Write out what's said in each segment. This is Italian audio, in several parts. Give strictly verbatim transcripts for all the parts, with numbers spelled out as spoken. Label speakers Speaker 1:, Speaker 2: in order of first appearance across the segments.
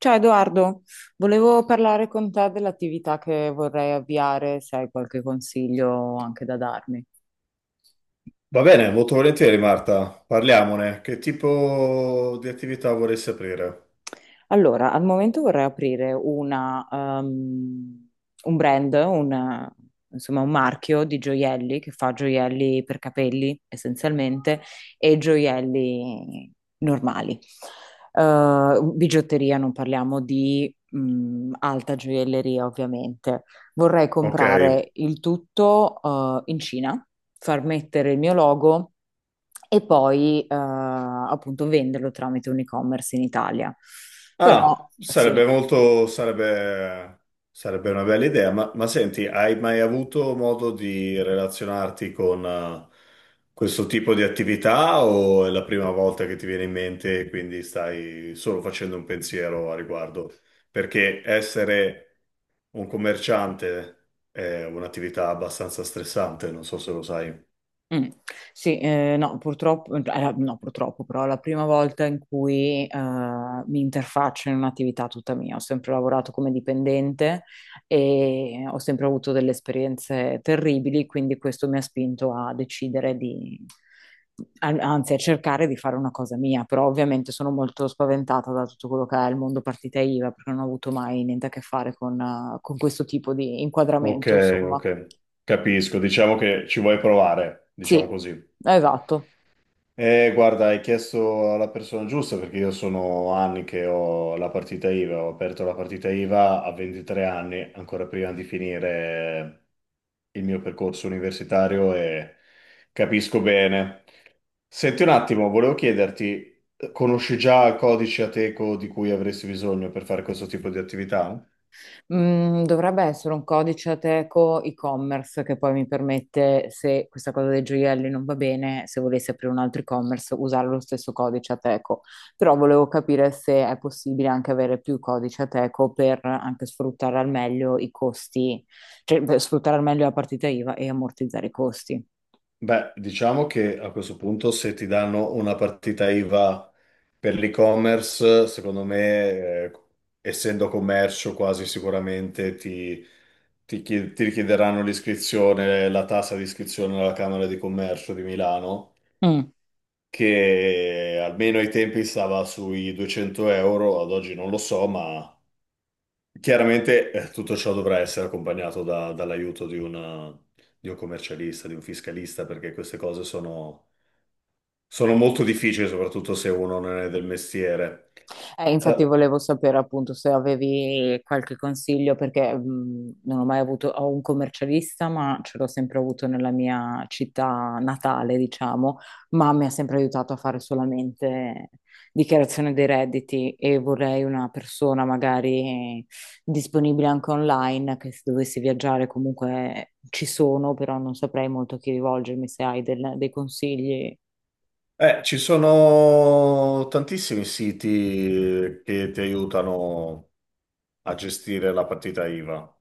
Speaker 1: Ciao Edoardo, volevo parlare con te dell'attività che vorrei avviare, se hai qualche consiglio anche da darmi.
Speaker 2: Va bene, molto volentieri Marta, parliamone. Che tipo di attività vorresti aprire?
Speaker 1: Allora, al momento vorrei aprire una, ehm, un brand, un, insomma un marchio di gioielli che fa gioielli per capelli essenzialmente e gioielli normali. Eh, bigiotteria, non parliamo di, mh, alta gioielleria ovviamente. Vorrei
Speaker 2: Ok.
Speaker 1: comprare il tutto eh, in Cina, far mettere il mio logo e poi eh, appunto venderlo tramite un e-commerce in Italia. Però
Speaker 2: Ah,
Speaker 1: sì.
Speaker 2: sarebbe molto, sarebbe, sarebbe una bella idea, ma, ma senti, hai mai avuto modo di relazionarti con eh, questo tipo di attività o è la prima volta che ti viene in mente e quindi stai solo facendo un pensiero a riguardo? Perché essere un commerciante è un'attività abbastanza stressante, non so se lo sai.
Speaker 1: Mm. Sì, eh, no, purtroppo, eh, allora, no, purtroppo, però è la prima volta in cui eh, mi interfaccio in un'attività tutta mia. Ho sempre lavorato come dipendente e ho sempre avuto delle esperienze terribili, quindi questo mi ha spinto a decidere di, an- anzi, a cercare di fare una cosa mia. Però ovviamente sono molto spaventata da tutto quello che è il mondo partita I V A, perché non ho avuto mai niente a che fare con eh, con questo tipo di
Speaker 2: Ok,
Speaker 1: inquadramento, insomma.
Speaker 2: ok, capisco. Diciamo che ci vuoi provare, diciamo
Speaker 1: Sì,
Speaker 2: così.
Speaker 1: esatto.
Speaker 2: Eh, guarda, hai chiesto alla persona giusta perché io sono anni che ho la partita I V A, ho aperto la partita IVA a 23 anni, ancora prima di finire il mio percorso universitario e capisco bene. Senti un attimo, volevo chiederti, conosci già il codice Ateco di cui avresti bisogno per fare questo tipo di attività?
Speaker 1: Mm, dovrebbe essere un codice Ateco e-commerce che poi mi permette, se questa cosa dei gioielli non va bene, se volessi aprire un altro e-commerce, usare lo stesso codice Ateco. Però volevo capire se è possibile anche avere più codice Ateco per anche sfruttare al meglio i costi, cioè per sfruttare al meglio la partita I V A e ammortizzare i costi.
Speaker 2: Beh, diciamo che a questo punto se ti danno una partita I V A per l'e-commerce, secondo me, eh, essendo commercio quasi sicuramente ti, ti chi- ti richiederanno l'iscrizione, la tassa di iscrizione alla Camera di Commercio di Milano,
Speaker 1: Mm.
Speaker 2: che almeno ai tempi stava sui duecento euro, ad oggi non lo so, ma chiaramente eh, tutto ciò dovrà essere accompagnato da- dall'aiuto di una- di un commercialista, di un fiscalista, perché queste cose sono sono molto difficili, soprattutto se uno non è del mestiere.
Speaker 1: Eh, infatti
Speaker 2: Eh,
Speaker 1: volevo sapere appunto se avevi qualche consiglio perché mh, non ho mai avuto, ho un commercialista, ma ce l'ho sempre avuto nella mia città natale, diciamo, ma mi ha sempre aiutato a fare solamente dichiarazione dei redditi e vorrei una persona magari disponibile anche online, che se dovessi viaggiare comunque ci sono, però non saprei molto a chi rivolgermi se hai del- dei consigli,
Speaker 2: eh, ci sono tantissimi siti che ti aiutano a gestire la partita I V A.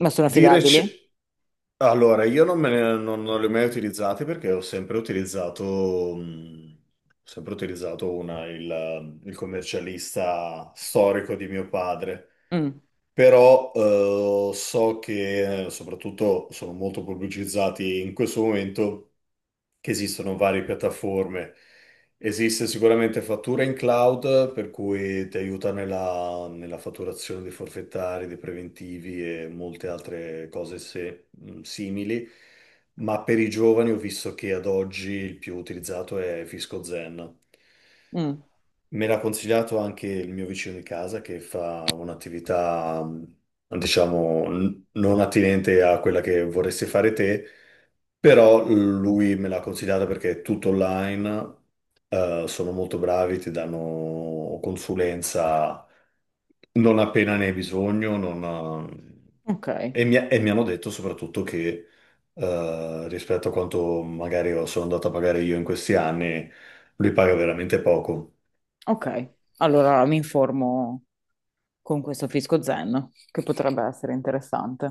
Speaker 1: ma sono
Speaker 2: Dire
Speaker 1: affidabili?
Speaker 2: c- Allora, io non, me ne- non- non li ho mai utilizzati perché ho sempre utilizzato, mh, ho sempre utilizzato una- il, il commercialista storico di mio padre.
Speaker 1: Mm,
Speaker 2: Però eh, so che eh, soprattutto sono molto pubblicizzati in questo momento che esistono varie piattaforme. Esiste sicuramente fattura in cloud, per cui ti aiuta nella, nella fatturazione dei forfettari, dei preventivi e molte altre cose se- mh, simili. Ma per i giovani ho visto che ad oggi il più utilizzato è Fisco Zen.
Speaker 1: mm,
Speaker 2: Me l'ha consigliato anche il mio vicino di casa che fa un'attività, mh, diciamo, n- non attinente a quella che vorresti fare te però lui me l'ha consigliata perché è tutto online, eh, sono molto bravi, ti danno consulenza non appena ne hai bisogno, non-
Speaker 1: ok.
Speaker 2: eh, e, mi, e mi hanno detto soprattutto che eh, rispetto a quanto magari ho- sono andato a pagare io in questi anni, lui paga veramente poco.
Speaker 1: Ok, allora mi informo con questo fisco zen, che potrebbe essere interessante.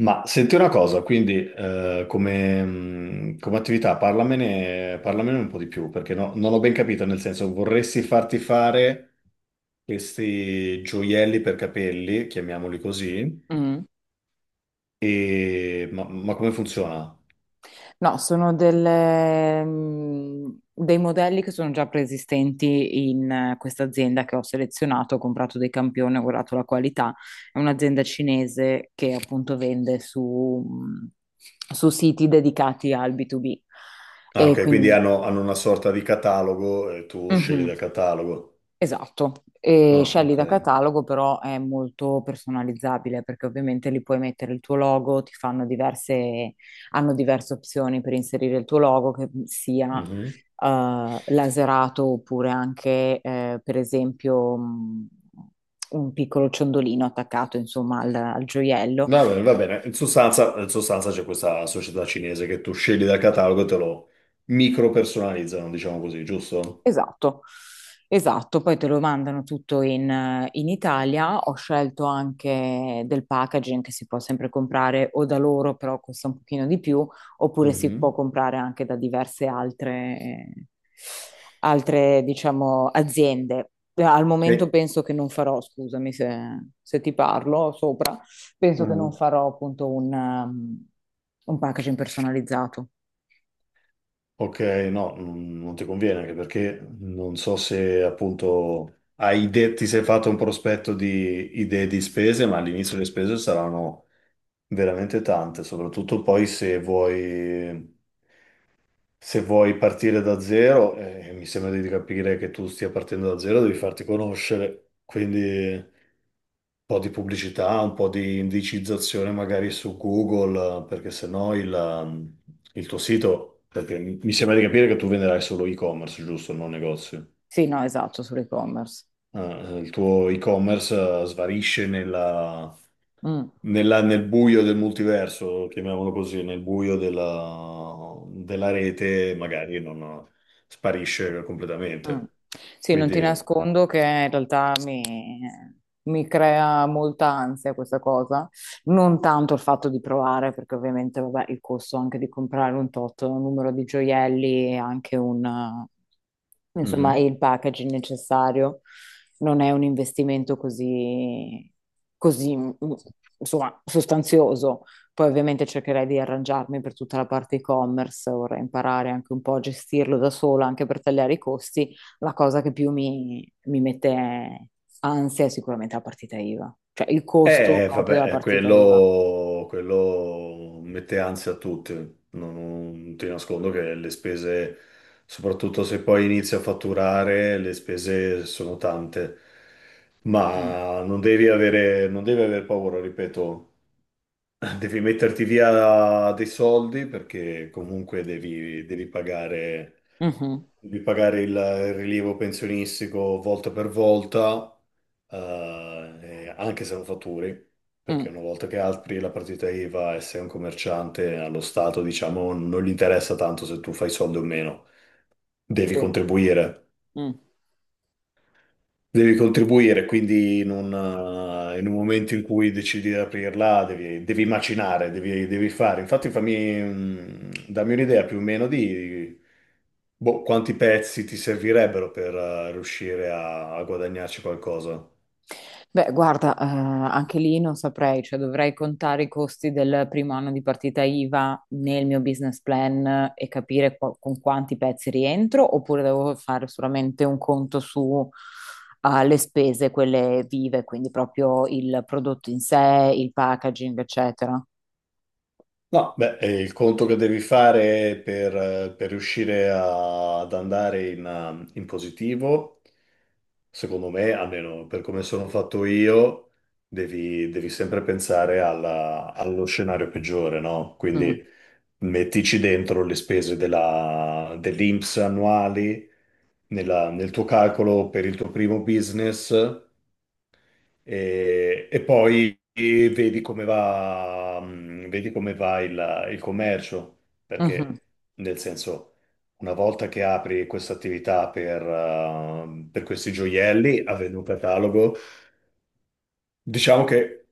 Speaker 2: Ma senti una cosa, quindi eh, come, mh, come attività parlamene, parlamene un po' di più, perché no- non ho ben capito, nel senso vorresti farti fare questi gioielli per capelli, chiamiamoli così,
Speaker 1: Mm.
Speaker 2: e... ma, ma come funziona?
Speaker 1: No, sono delle, mm, dei modelli che sono già preesistenti in eh, questa azienda che ho selezionato, ho comprato dei campioni, ho guardato la qualità. È un'azienda cinese che appunto vende su, mm, su siti dedicati al B due B.
Speaker 2: Ah,
Speaker 1: E
Speaker 2: ok, quindi
Speaker 1: quindi,
Speaker 2: hanno, hanno una sorta di catalogo e tu scegli
Speaker 1: mhm.
Speaker 2: dal catalogo.
Speaker 1: Esatto, e
Speaker 2: Ah,
Speaker 1: scegli
Speaker 2: ok.
Speaker 1: da catalogo però è molto personalizzabile perché ovviamente lì puoi mettere il tuo logo, ti fanno diverse, hanno diverse opzioni per inserire il tuo logo che sia
Speaker 2: Mhm.
Speaker 1: eh, laserato oppure anche eh, per esempio mh, un piccolo ciondolino attaccato insomma al, al gioiello.
Speaker 2: Va bene, va bene. In sostanza, in sostanza c'è questa società cinese che tu scegli dal catalogo e te lo micro personalizzano, diciamo così, giusto?
Speaker 1: Esatto, esatto, poi te lo mandano tutto in, eh, in Italia. Ho scelto anche del packaging che si può sempre comprare o da loro, però costa un pochino di più, oppure si può
Speaker 2: Mhm.
Speaker 1: comprare anche da diverse altre, eh, altre, diciamo, aziende. Eh, Al momento
Speaker 2: E...
Speaker 1: penso che non farò, scusami se, se ti parlo sopra, penso che non
Speaker 2: Mhm.
Speaker 1: farò appunto un, um, un packaging personalizzato.
Speaker 2: Ok, no, non non ti conviene anche perché non so se appunto hai idee, ti sei fatto un prospetto di idee di spese, ma all'inizio le spese saranno veramente tante, soprattutto poi se vuoi. Se vuoi partire da zero, eh, mi sembra di capire che tu stia partendo da zero, devi farti conoscere, quindi un po' di pubblicità, un po' di indicizzazione magari su Google, eh, perché sennò il, ehm, il tuo sito, perché mi mi sembra di capire che tu venderai solo e-commerce, giusto, non negozio
Speaker 1: Sì, no, esatto, sull'e-commerce.
Speaker 2: eh, il tuo e-commerce eh, svanisce nella-
Speaker 1: Mm.
Speaker 2: nella- nel buio del multiverso, chiamiamolo così, nel buio della, della rete, magari non eh, sparisce
Speaker 1: Mm.
Speaker 2: completamente.
Speaker 1: Sì, non ti
Speaker 2: Quindi,
Speaker 1: nascondo che in realtà mi, mi crea molta ansia questa cosa, non tanto il fatto di provare, perché ovviamente vabbè, il costo anche di comprare un tot numero di gioielli e anche un, eh, insomma,
Speaker 2: mhm.
Speaker 1: il packaging necessario non è un investimento così, così, mm, insomma, sostanzioso. Poi ovviamente cercherei di arrangiarmi per tutta la parte e-commerce, vorrei imparare anche un po' a gestirlo da sola, anche per tagliare i costi. La cosa che più mi, mi mette ansia è sicuramente la partita I V A, cioè il costo
Speaker 2: Eh,
Speaker 1: proprio della
Speaker 2: vabbè, eh,
Speaker 1: partita I V A.
Speaker 2: quello, quello mette ansia a tutti, non, non ti nascondo che le spese, soprattutto se poi inizi a fatturare, le spese sono tante,
Speaker 1: Mm.
Speaker 2: ma non devi avere, non devi aver paura, ripeto, devi metterti via dei soldi perché comunque devi, devi pagare,
Speaker 1: Mhm.
Speaker 2: devi pagare il il rilievo pensionistico volta per volta, eh, anche se non fatturi, perché
Speaker 1: Mm.
Speaker 2: una volta che apri la partita I V A e sei un commerciante, allo Stato, diciamo, non gli interessa tanto se tu fai soldi o meno. Devi
Speaker 1: Sì.
Speaker 2: contribuire.
Speaker 1: Mm.
Speaker 2: Devi contribuire, quindi in un, eh, in un momento in cui decidi di aprirla, devi, devi macinare, devi, devi fare. Infatti, fammi, mm, dammi un'idea più o meno di boh, quanti pezzi ti servirebbero per eh, riuscire a a guadagnarci qualcosa.
Speaker 1: Beh, guarda, eh, anche lì non saprei, cioè dovrei contare i costi del primo anno di partita I V A nel mio business plan e capire qua- con quanti pezzi rientro, oppure devo fare solamente un conto su eh, le spese, quelle vive, quindi proprio il prodotto in sé, il packaging, eccetera.
Speaker 2: No, beh, è il conto che devi fare per, eh, per riuscire a- ad andare in, eh, in positivo, secondo me, almeno per come sono fatto io, devi, devi sempre pensare alla- allo scenario peggiore, no?
Speaker 1: Mm.
Speaker 2: Quindi mettici dentro le spese della, dell'I N P S annuali nella- nel tuo calcolo per il tuo primo business. E, e poi vedi come va, mh, vedi come va il, il commercio,
Speaker 1: Mhm.
Speaker 2: perché nel senso, una volta che apri questa attività per, eh, per questi gioielli, avendo un catalogo, diciamo che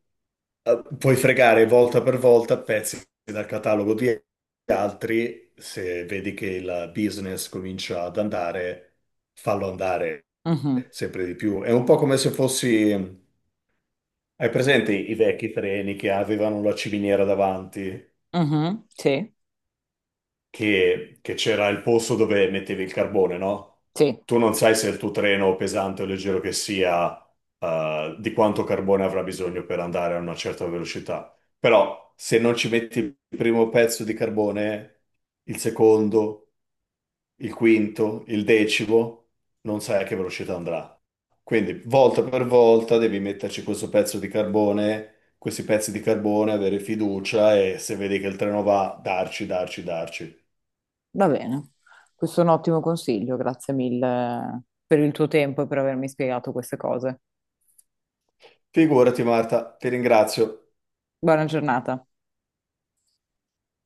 Speaker 2: eh, puoi fregare volta per volta pezzi dal catalogo di altri, se vedi che il business comincia ad andare, fallo andare
Speaker 1: Mhm,
Speaker 2: sempre di più. È un po' come se fossi hai presente i i vecchi treni che avevano la ciminiera davanti,
Speaker 1: mhm, sì,
Speaker 2: che che c'era il posto dove mettevi il carbone, no?
Speaker 1: sì,
Speaker 2: Tu non sai se il tuo treno, pesante o leggero che sia, eh, di quanto carbone avrà bisogno per andare a una certa velocità. Però se non ci metti il primo pezzo di carbone, il secondo, il quinto, il decimo, non sai a che velocità andrà. Quindi volta per volta devi metterci questo pezzo di carbone, questi pezzi di carbone, avere fiducia e se vedi che il treno va, darci, darci, darci.
Speaker 1: va bene. Questo è un ottimo consiglio, grazie mille per il tuo tempo e per avermi spiegato queste cose.
Speaker 2: Figurati Marta, ti ringrazio.
Speaker 1: Buona giornata.